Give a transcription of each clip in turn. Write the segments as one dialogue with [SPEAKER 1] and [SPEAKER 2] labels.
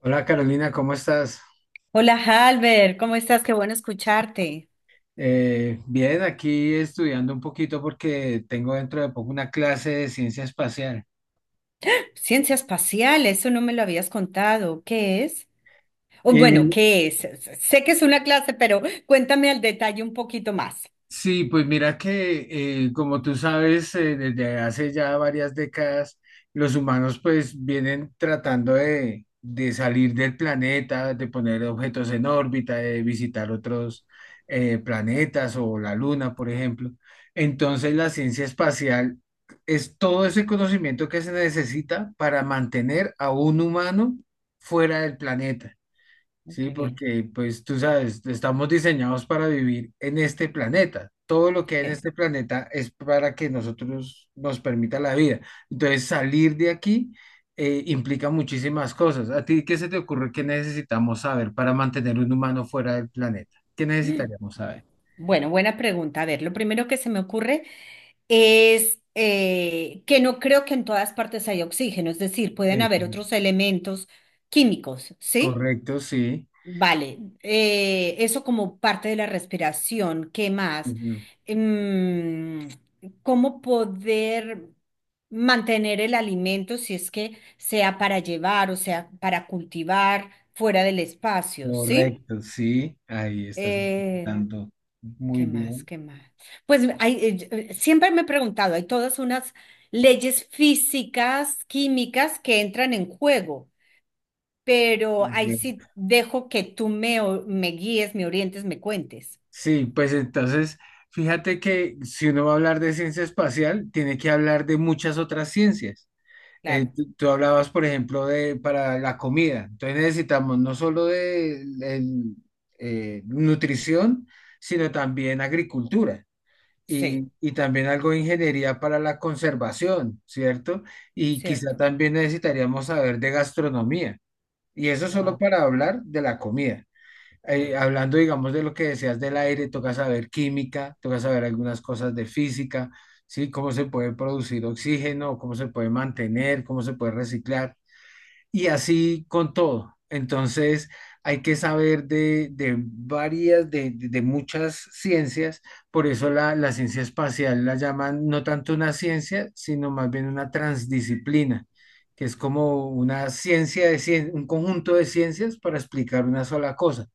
[SPEAKER 1] Hola Carolina, ¿cómo estás?
[SPEAKER 2] Hola, Halber, ¿cómo estás? Qué bueno escucharte.
[SPEAKER 1] Bien, aquí estudiando un poquito porque tengo dentro de poco una clase de ciencia espacial.
[SPEAKER 2] Ciencia espacial, eso no me lo habías contado. ¿Qué es? O bueno,
[SPEAKER 1] y
[SPEAKER 2] ¿qué es? Sé que es una clase, pero cuéntame al detalle un poquito más.
[SPEAKER 1] Sí, pues mira que como tú sabes, desde hace ya varias décadas, los humanos pues vienen tratando de salir del planeta, de poner objetos en órbita, de visitar otros planetas o la Luna, por ejemplo. Entonces la ciencia espacial es todo ese conocimiento que se necesita para mantener a un humano fuera del planeta. Sí,
[SPEAKER 2] Qué bien.
[SPEAKER 1] porque pues tú sabes, estamos diseñados para vivir en este planeta. Todo lo que hay en
[SPEAKER 2] Eh,
[SPEAKER 1] este planeta es para que nosotros nos permita la vida. Entonces, salir de aquí implica muchísimas cosas. ¿A ti qué se te ocurre que necesitamos saber para mantener un humano fuera del planeta? ¿Qué necesitaríamos saber?
[SPEAKER 2] Bueno, buena pregunta. A ver, lo primero que se me ocurre es que no creo que en todas partes haya oxígeno, es decir, pueden haber
[SPEAKER 1] Listo.
[SPEAKER 2] otros elementos químicos, ¿sí?
[SPEAKER 1] Correcto, sí.
[SPEAKER 2] Vale, eso como parte de la respiración. ¿Qué más?
[SPEAKER 1] Ujú.
[SPEAKER 2] Em, ¿Cómo poder mantener el alimento si es que sea para llevar o sea para cultivar fuera del espacio? ¿Sí?
[SPEAKER 1] Correcto, sí. Ahí estás
[SPEAKER 2] Eh,
[SPEAKER 1] tanto. Muy
[SPEAKER 2] ¿Qué más?
[SPEAKER 1] bien.
[SPEAKER 2] ¿Qué más? Pues hay, siempre me he preguntado, hay todas unas leyes físicas, químicas que entran en juego pero ahí sí dejo que tú me, me guíes, me orientes, me cuentes.
[SPEAKER 1] Sí, pues entonces, fíjate que si uno va a hablar de ciencia espacial, tiene que hablar de muchas otras ciencias.
[SPEAKER 2] Claro,
[SPEAKER 1] Tú hablabas, por ejemplo, de para la comida. Entonces necesitamos no solo nutrición, sino también agricultura y,
[SPEAKER 2] sí,
[SPEAKER 1] y también algo de ingeniería para la conservación, ¿cierto? Y quizá
[SPEAKER 2] cierto.
[SPEAKER 1] también necesitaríamos saber de gastronomía. Y eso solo
[SPEAKER 2] Wow.
[SPEAKER 1] para hablar de la comida, hablando, digamos, de lo que decías del aire, toca saber química, toca saber algunas cosas de física, ¿sí? Cómo se puede producir oxígeno, cómo se puede mantener, cómo se puede reciclar, y así con todo. Entonces, hay que saber de varias, de muchas ciencias, por eso la ciencia espacial la llaman no tanto una ciencia, sino más bien una transdisciplina, que es como una ciencia un conjunto de ciencias para explicar una sola cosa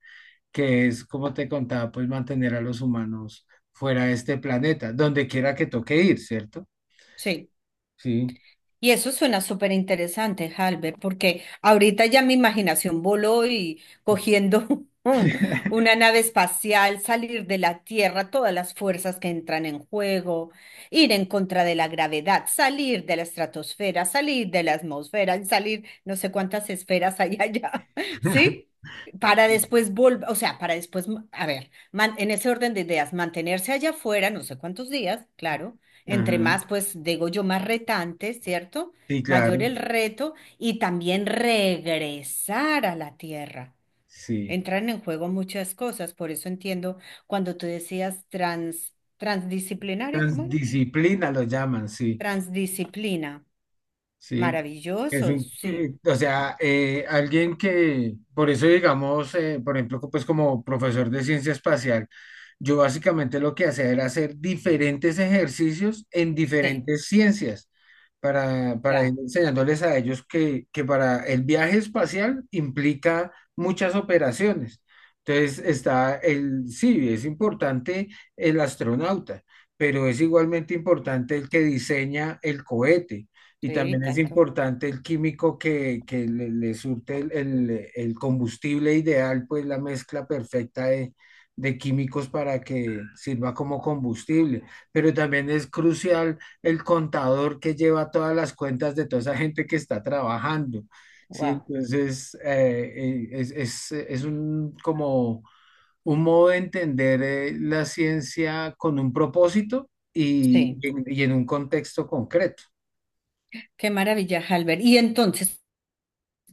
[SPEAKER 1] que es, como te contaba, pues mantener a los humanos fuera de este planeta, donde quiera que toque ir, ¿cierto?
[SPEAKER 2] Sí.
[SPEAKER 1] Sí,
[SPEAKER 2] Y eso suena súper interesante, Halber, porque ahorita ya mi imaginación voló y cogiendo una nave espacial, salir de la Tierra, todas las fuerzas que entran en juego, ir en contra de la gravedad, salir de la estratosfera, salir de la atmósfera, y salir no sé cuántas esferas hay allá, ¿sí? Para después volver, o sea, para después, a ver, en ese orden de ideas, mantenerse allá afuera, no sé cuántos días, claro entre
[SPEAKER 1] ajá,
[SPEAKER 2] más, pues digo yo, más retante, ¿cierto?
[SPEAKER 1] sí,
[SPEAKER 2] Mayor
[SPEAKER 1] claro,
[SPEAKER 2] el reto y también regresar a la tierra.
[SPEAKER 1] sí.
[SPEAKER 2] Entran en juego muchas cosas, por eso entiendo cuando tú decías transdisciplinaria,
[SPEAKER 1] Trans-
[SPEAKER 2] ¿cómo era?
[SPEAKER 1] Disciplina lo llaman, sí.
[SPEAKER 2] Transdisciplina.
[SPEAKER 1] Sí. Es
[SPEAKER 2] Maravilloso, sí,
[SPEAKER 1] o sea, alguien que, por eso digamos, por ejemplo, pues como profesor de ciencia espacial, yo básicamente lo que hacía era hacer diferentes ejercicios en
[SPEAKER 2] sí,
[SPEAKER 1] diferentes ciencias para ir
[SPEAKER 2] ya,
[SPEAKER 1] enseñándoles a ellos que para el viaje espacial implica muchas operaciones. Entonces está sí, es importante el astronauta, pero es igualmente importante el que diseña el cohete y
[SPEAKER 2] sí,
[SPEAKER 1] también es
[SPEAKER 2] tanto.
[SPEAKER 1] importante el químico que le surte el combustible ideal, pues la mezcla perfecta de químicos para que sirva como combustible. Pero también es crucial el contador que lleva todas las cuentas de toda esa gente que está trabajando. Sí,
[SPEAKER 2] Wow,
[SPEAKER 1] entonces es un, como un modo de entender la ciencia con un propósito y
[SPEAKER 2] sí,
[SPEAKER 1] y en y en un contexto concreto.
[SPEAKER 2] qué maravilla, Halber. Y entonces,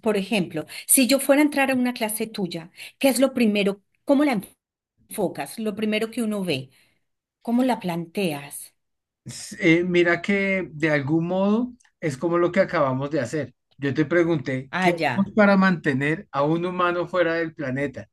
[SPEAKER 2] por ejemplo, si yo fuera a entrar a una clase tuya, ¿qué es lo primero? ¿Cómo la enfocas? Lo primero que uno ve, ¿cómo la planteas?
[SPEAKER 1] Mira que de algún modo es como lo que acabamos de hacer. Yo te pregunté,
[SPEAKER 2] Ah,
[SPEAKER 1] ¿qué hacemos
[SPEAKER 2] ya,
[SPEAKER 1] para mantener a un humano fuera del planeta?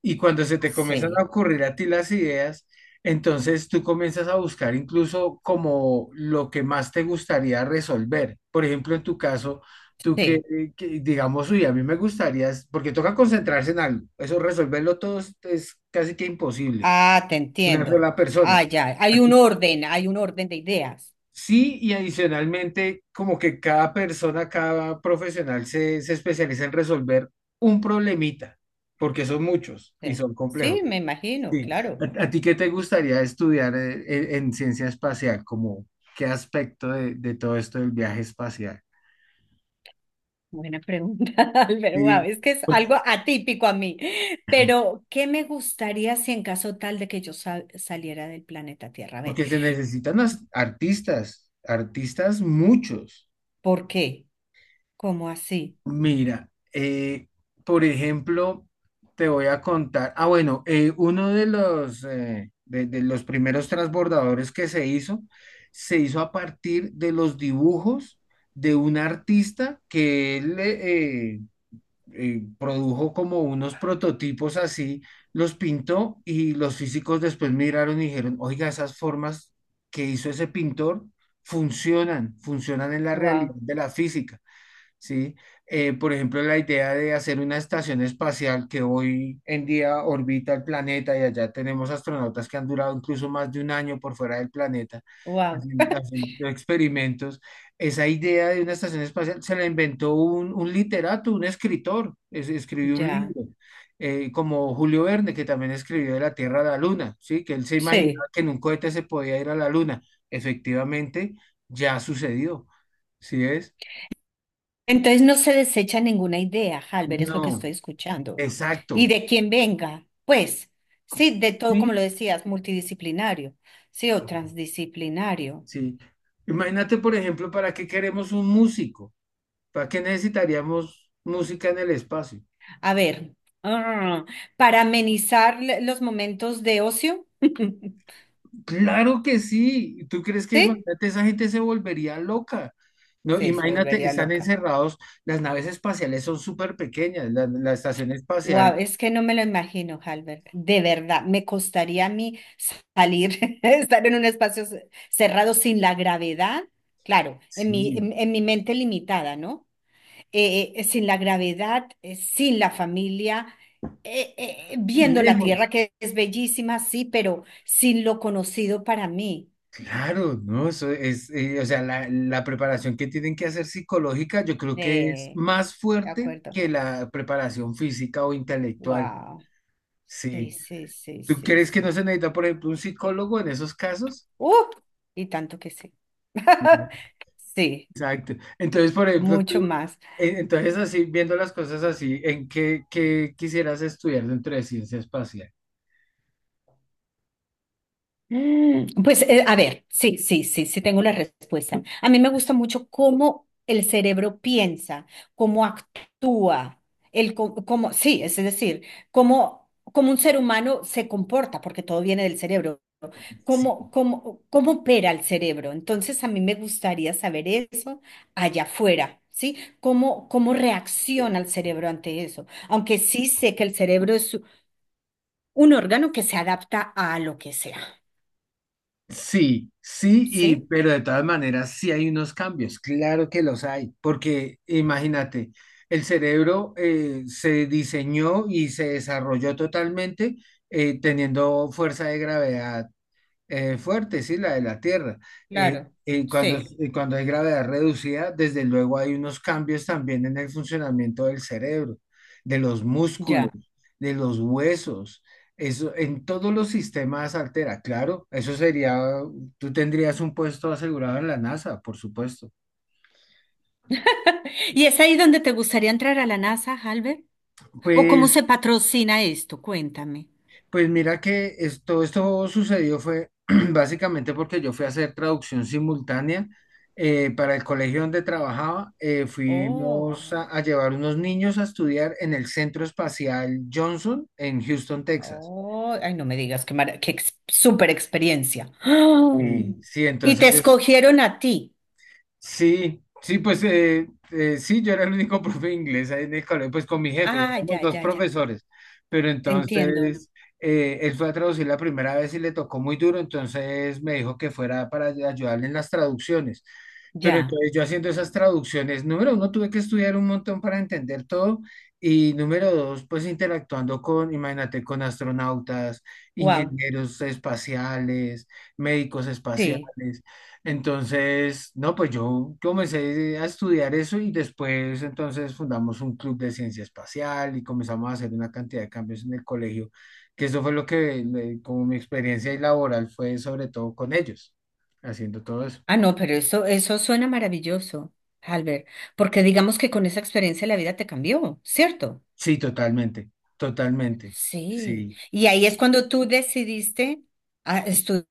[SPEAKER 1] Y cuando se te comienzan a
[SPEAKER 2] sí,
[SPEAKER 1] ocurrir a ti las ideas, entonces tú comienzas a buscar incluso como lo que más te gustaría resolver. Por ejemplo, en tu caso, tú que,
[SPEAKER 2] sí.
[SPEAKER 1] eh, que digamos, uy, a mí me gustaría, porque toca concentrarse en algo. Eso resolverlo todo es casi que imposible,
[SPEAKER 2] Ah, te
[SPEAKER 1] una
[SPEAKER 2] entiendo.
[SPEAKER 1] sola
[SPEAKER 2] Ah,
[SPEAKER 1] persona.
[SPEAKER 2] ya, hay un orden de ideas.
[SPEAKER 1] Sí, y adicionalmente, como que cada persona, cada profesional se especializa en resolver un problemita, porque son muchos y
[SPEAKER 2] Sí,
[SPEAKER 1] son complejos.
[SPEAKER 2] sí, me imagino,
[SPEAKER 1] Sí.
[SPEAKER 2] claro.
[SPEAKER 1] ¿A ti qué te gustaría estudiar en ciencia espacial? Como, ¿qué aspecto de todo esto del viaje espacial?
[SPEAKER 2] Buena pregunta, Álvaro. Wow,
[SPEAKER 1] Sí,
[SPEAKER 2] es que es
[SPEAKER 1] porque,
[SPEAKER 2] algo atípico a mí. Pero, ¿qué me gustaría si en caso tal de que yo saliera del planeta Tierra? A ver,
[SPEAKER 1] porque se necesitan artistas, artistas muchos.
[SPEAKER 2] ¿por qué? ¿Cómo así?
[SPEAKER 1] Mira, eh, por ejemplo, te voy a contar. Ah, bueno, uno de los primeros transbordadores que se hizo a partir de los dibujos de un artista que él produjo como unos prototipos así, los pintó y los físicos después miraron y dijeron, oiga, esas formas que hizo ese pintor funcionan, funcionan en la realidad
[SPEAKER 2] Wow.
[SPEAKER 1] de la física. ¿Sí? Por ejemplo, la idea de hacer una estación espacial que hoy en día orbita el planeta y allá tenemos astronautas que han durado incluso más de un año por fuera del planeta
[SPEAKER 2] Wow,
[SPEAKER 1] haciendo experimentos. Esa idea de una estación espacial se la inventó un literato, un escritor, escribió un
[SPEAKER 2] ya,
[SPEAKER 1] libro, como Julio Verne, que también escribió de la Tierra a la Luna, ¿sí? Que él se
[SPEAKER 2] sí.
[SPEAKER 1] imaginaba que en un cohete se podía ir a la Luna. Efectivamente, ya sucedió, ¿sí es?
[SPEAKER 2] Entonces no se desecha ninguna idea, Halber, es lo que
[SPEAKER 1] No.
[SPEAKER 2] estoy escuchando. Y
[SPEAKER 1] Exacto.
[SPEAKER 2] de quien venga, pues, sí, de todo, como
[SPEAKER 1] Sí.
[SPEAKER 2] lo decías, multidisciplinario, sí, o
[SPEAKER 1] co-
[SPEAKER 2] transdisciplinario.
[SPEAKER 1] Sí. Imagínate, por ejemplo, ¿para qué queremos un músico? ¿Para qué necesitaríamos música en el espacio?
[SPEAKER 2] A ver, ah, para amenizar los momentos de ocio,
[SPEAKER 1] Claro que sí. ¿Tú crees que
[SPEAKER 2] ¿sí?
[SPEAKER 1] imagínate, esa gente se volvería loca? No,
[SPEAKER 2] Sí, se
[SPEAKER 1] imagínate,
[SPEAKER 2] volvería
[SPEAKER 1] están
[SPEAKER 2] loca.
[SPEAKER 1] encerrados, las naves espaciales son súper pequeñas, la estación
[SPEAKER 2] Wow,
[SPEAKER 1] espacial,
[SPEAKER 2] es que no me lo imagino, Halbert. De verdad, me costaría a mí salir, estar en un espacio cerrado sin la gravedad, claro,
[SPEAKER 1] sí,
[SPEAKER 2] en mi mente limitada, ¿no? Sin la gravedad, sin la familia, viendo la
[SPEAKER 1] lejos.
[SPEAKER 2] tierra que es bellísima, sí, pero sin lo conocido para mí.
[SPEAKER 1] Claro, ¿no? Eso es, o sea, la preparación que tienen que hacer psicológica, yo creo que es
[SPEAKER 2] De,
[SPEAKER 1] más
[SPEAKER 2] de
[SPEAKER 1] fuerte
[SPEAKER 2] acuerdo.
[SPEAKER 1] que la preparación física o intelectual.
[SPEAKER 2] Wow. Sí,
[SPEAKER 1] Sí.
[SPEAKER 2] sí, sí,
[SPEAKER 1] ¿Tú
[SPEAKER 2] sí,
[SPEAKER 1] crees que no
[SPEAKER 2] sí.
[SPEAKER 1] se necesita, por ejemplo, un psicólogo en esos casos?
[SPEAKER 2] ¡Uh! Y tanto que sí.
[SPEAKER 1] No.
[SPEAKER 2] Sí.
[SPEAKER 1] Exacto. Entonces, por ejemplo,
[SPEAKER 2] Mucho más.
[SPEAKER 1] entonces así, viendo las cosas así, ¿qué quisieras estudiar dentro de ciencia espacial?
[SPEAKER 2] Pues a ver, sí, sí, sí, sí tengo la respuesta. A mí me gusta mucho cómo el cerebro piensa, cómo actúa, el cómo, sí, es decir, cómo, cómo un ser humano se comporta, porque todo viene del cerebro, cómo, cómo, cómo opera el cerebro. Entonces a mí me gustaría saber eso allá afuera. ¿Sí? ¿Cómo, cómo reacciona el cerebro ante eso? Aunque sí sé que el cerebro es un órgano que se adapta a lo que sea.
[SPEAKER 1] Sí, sí, y
[SPEAKER 2] Sí,
[SPEAKER 1] pero de todas maneras sí hay unos cambios, claro que los hay, porque imagínate, el cerebro se diseñó y se desarrolló totalmente teniendo fuerza de gravedad fuerte, sí, la de la Tierra.
[SPEAKER 2] claro,
[SPEAKER 1] Y cuando,
[SPEAKER 2] sí,
[SPEAKER 1] y cuando hay gravedad reducida, desde luego hay unos cambios también en el funcionamiento del cerebro, de los músculos,
[SPEAKER 2] ya.
[SPEAKER 1] de los huesos. Eso en todos los sistemas altera, claro. Eso sería, tú tendrías un puesto asegurado en la NASA, por supuesto.
[SPEAKER 2] ¿Y es ahí donde te gustaría entrar a la NASA, Albert? ¿O cómo
[SPEAKER 1] Pues
[SPEAKER 2] se patrocina esto? Cuéntame.
[SPEAKER 1] Pues mira que todo esto sucedió fue básicamente porque yo fui a hacer traducción simultánea para el colegio donde trabajaba. Fuimos
[SPEAKER 2] Oh,
[SPEAKER 1] a llevar unos niños a estudiar en el Centro Espacial Johnson en Houston, Texas.
[SPEAKER 2] oh, ay, no me digas qué, mara- qué ex- súper experiencia. ¡Ah!
[SPEAKER 1] Sí, sí,
[SPEAKER 2] Y
[SPEAKER 1] entonces.
[SPEAKER 2] te escogieron a ti.
[SPEAKER 1] Sí, sí, pues sí, yo era el único profe de inglés ahí en el colegio, pues con mi jefe,
[SPEAKER 2] Ah,
[SPEAKER 1] éramos
[SPEAKER 2] ya,
[SPEAKER 1] dos
[SPEAKER 2] ya, ya.
[SPEAKER 1] profesores, pero
[SPEAKER 2] Te entiendo.
[SPEAKER 1] entonces él fue a traducir la primera vez y le tocó muy duro, entonces me dijo que fuera para ayudarle en las traducciones. Pero
[SPEAKER 2] Ya.
[SPEAKER 1] entonces yo haciendo esas traducciones, número uno, tuve que estudiar un montón para entender todo y número dos, pues interactuando con, imagínate, con astronautas,
[SPEAKER 2] Wow.
[SPEAKER 1] ingenieros espaciales, médicos
[SPEAKER 2] Sí.
[SPEAKER 1] espaciales. Entonces, no, pues yo comencé a estudiar eso y después entonces fundamos un club de ciencia espacial y comenzamos a hacer una cantidad de cambios en el colegio, que eso fue lo que, como mi experiencia laboral fue sobre todo con ellos, haciendo todo eso.
[SPEAKER 2] Ah, no, pero eso suena maravilloso, Albert, porque digamos que con esa experiencia la vida te cambió, ¿cierto?
[SPEAKER 1] Sí, totalmente, totalmente.
[SPEAKER 2] Sí,
[SPEAKER 1] Sí.
[SPEAKER 2] y ahí es cuando tú decidiste a estudiar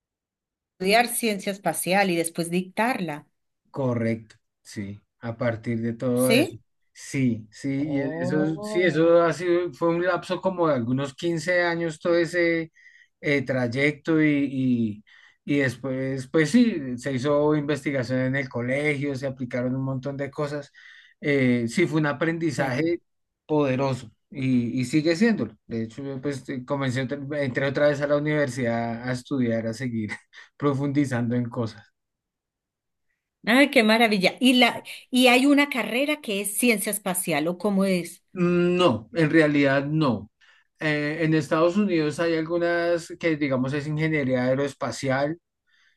[SPEAKER 2] ciencia espacial y después dictarla,
[SPEAKER 1] Correcto, sí, a partir de todo eso.
[SPEAKER 2] ¿sí?
[SPEAKER 1] Sí, sí, y eso, sí,
[SPEAKER 2] Oh.
[SPEAKER 1] eso ha sido, fue un lapso como de algunos 15 años todo ese trayecto y después, pues sí, se hizo investigación en el colegio, se aplicaron un montón de cosas. Sí, fue un
[SPEAKER 2] Sí.
[SPEAKER 1] aprendizaje poderoso y sigue siéndolo. De hecho, yo, pues entré otra vez a la universidad a estudiar, a seguir profundizando en cosas.
[SPEAKER 2] Ay, qué maravilla. Y la, y hay una carrera que es ciencia espacial, ¿o cómo es?
[SPEAKER 1] Mm, no, en realidad no. En Estados Unidos hay algunas que, digamos, es ingeniería aeroespacial.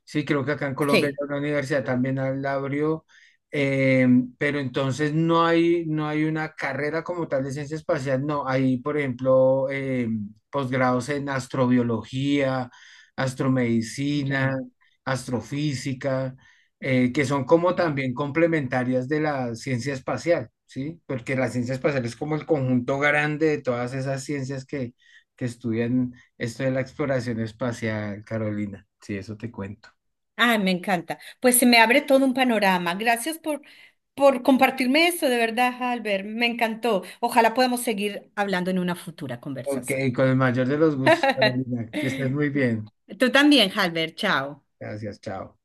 [SPEAKER 1] Sí, creo que acá en Colombia
[SPEAKER 2] Sí,
[SPEAKER 1] hay una universidad también la abrió, eh, pero entonces no hay, una carrera como tal de ciencia espacial, no. Hay, por ejemplo, posgrados en astrobiología, astromedicina,
[SPEAKER 2] ya,
[SPEAKER 1] astrofísica, que son como
[SPEAKER 2] wow.
[SPEAKER 1] también complementarias de la ciencia espacial, ¿sí? Porque la ciencia espacial es como el conjunto grande de todas esas ciencias que estudian esto de la exploración espacial, Carolina. Sí, eso te cuento.
[SPEAKER 2] Ay, me encanta. Pues se me abre todo un panorama. Gracias por compartirme eso, de verdad, Albert. Me encantó. Ojalá podamos seguir hablando en una futura
[SPEAKER 1] Ok,
[SPEAKER 2] conversación.
[SPEAKER 1] con el mayor de los gustos, Carolina. Que estés muy bien.
[SPEAKER 2] Tú también, Halber, chao.
[SPEAKER 1] Gracias, chao.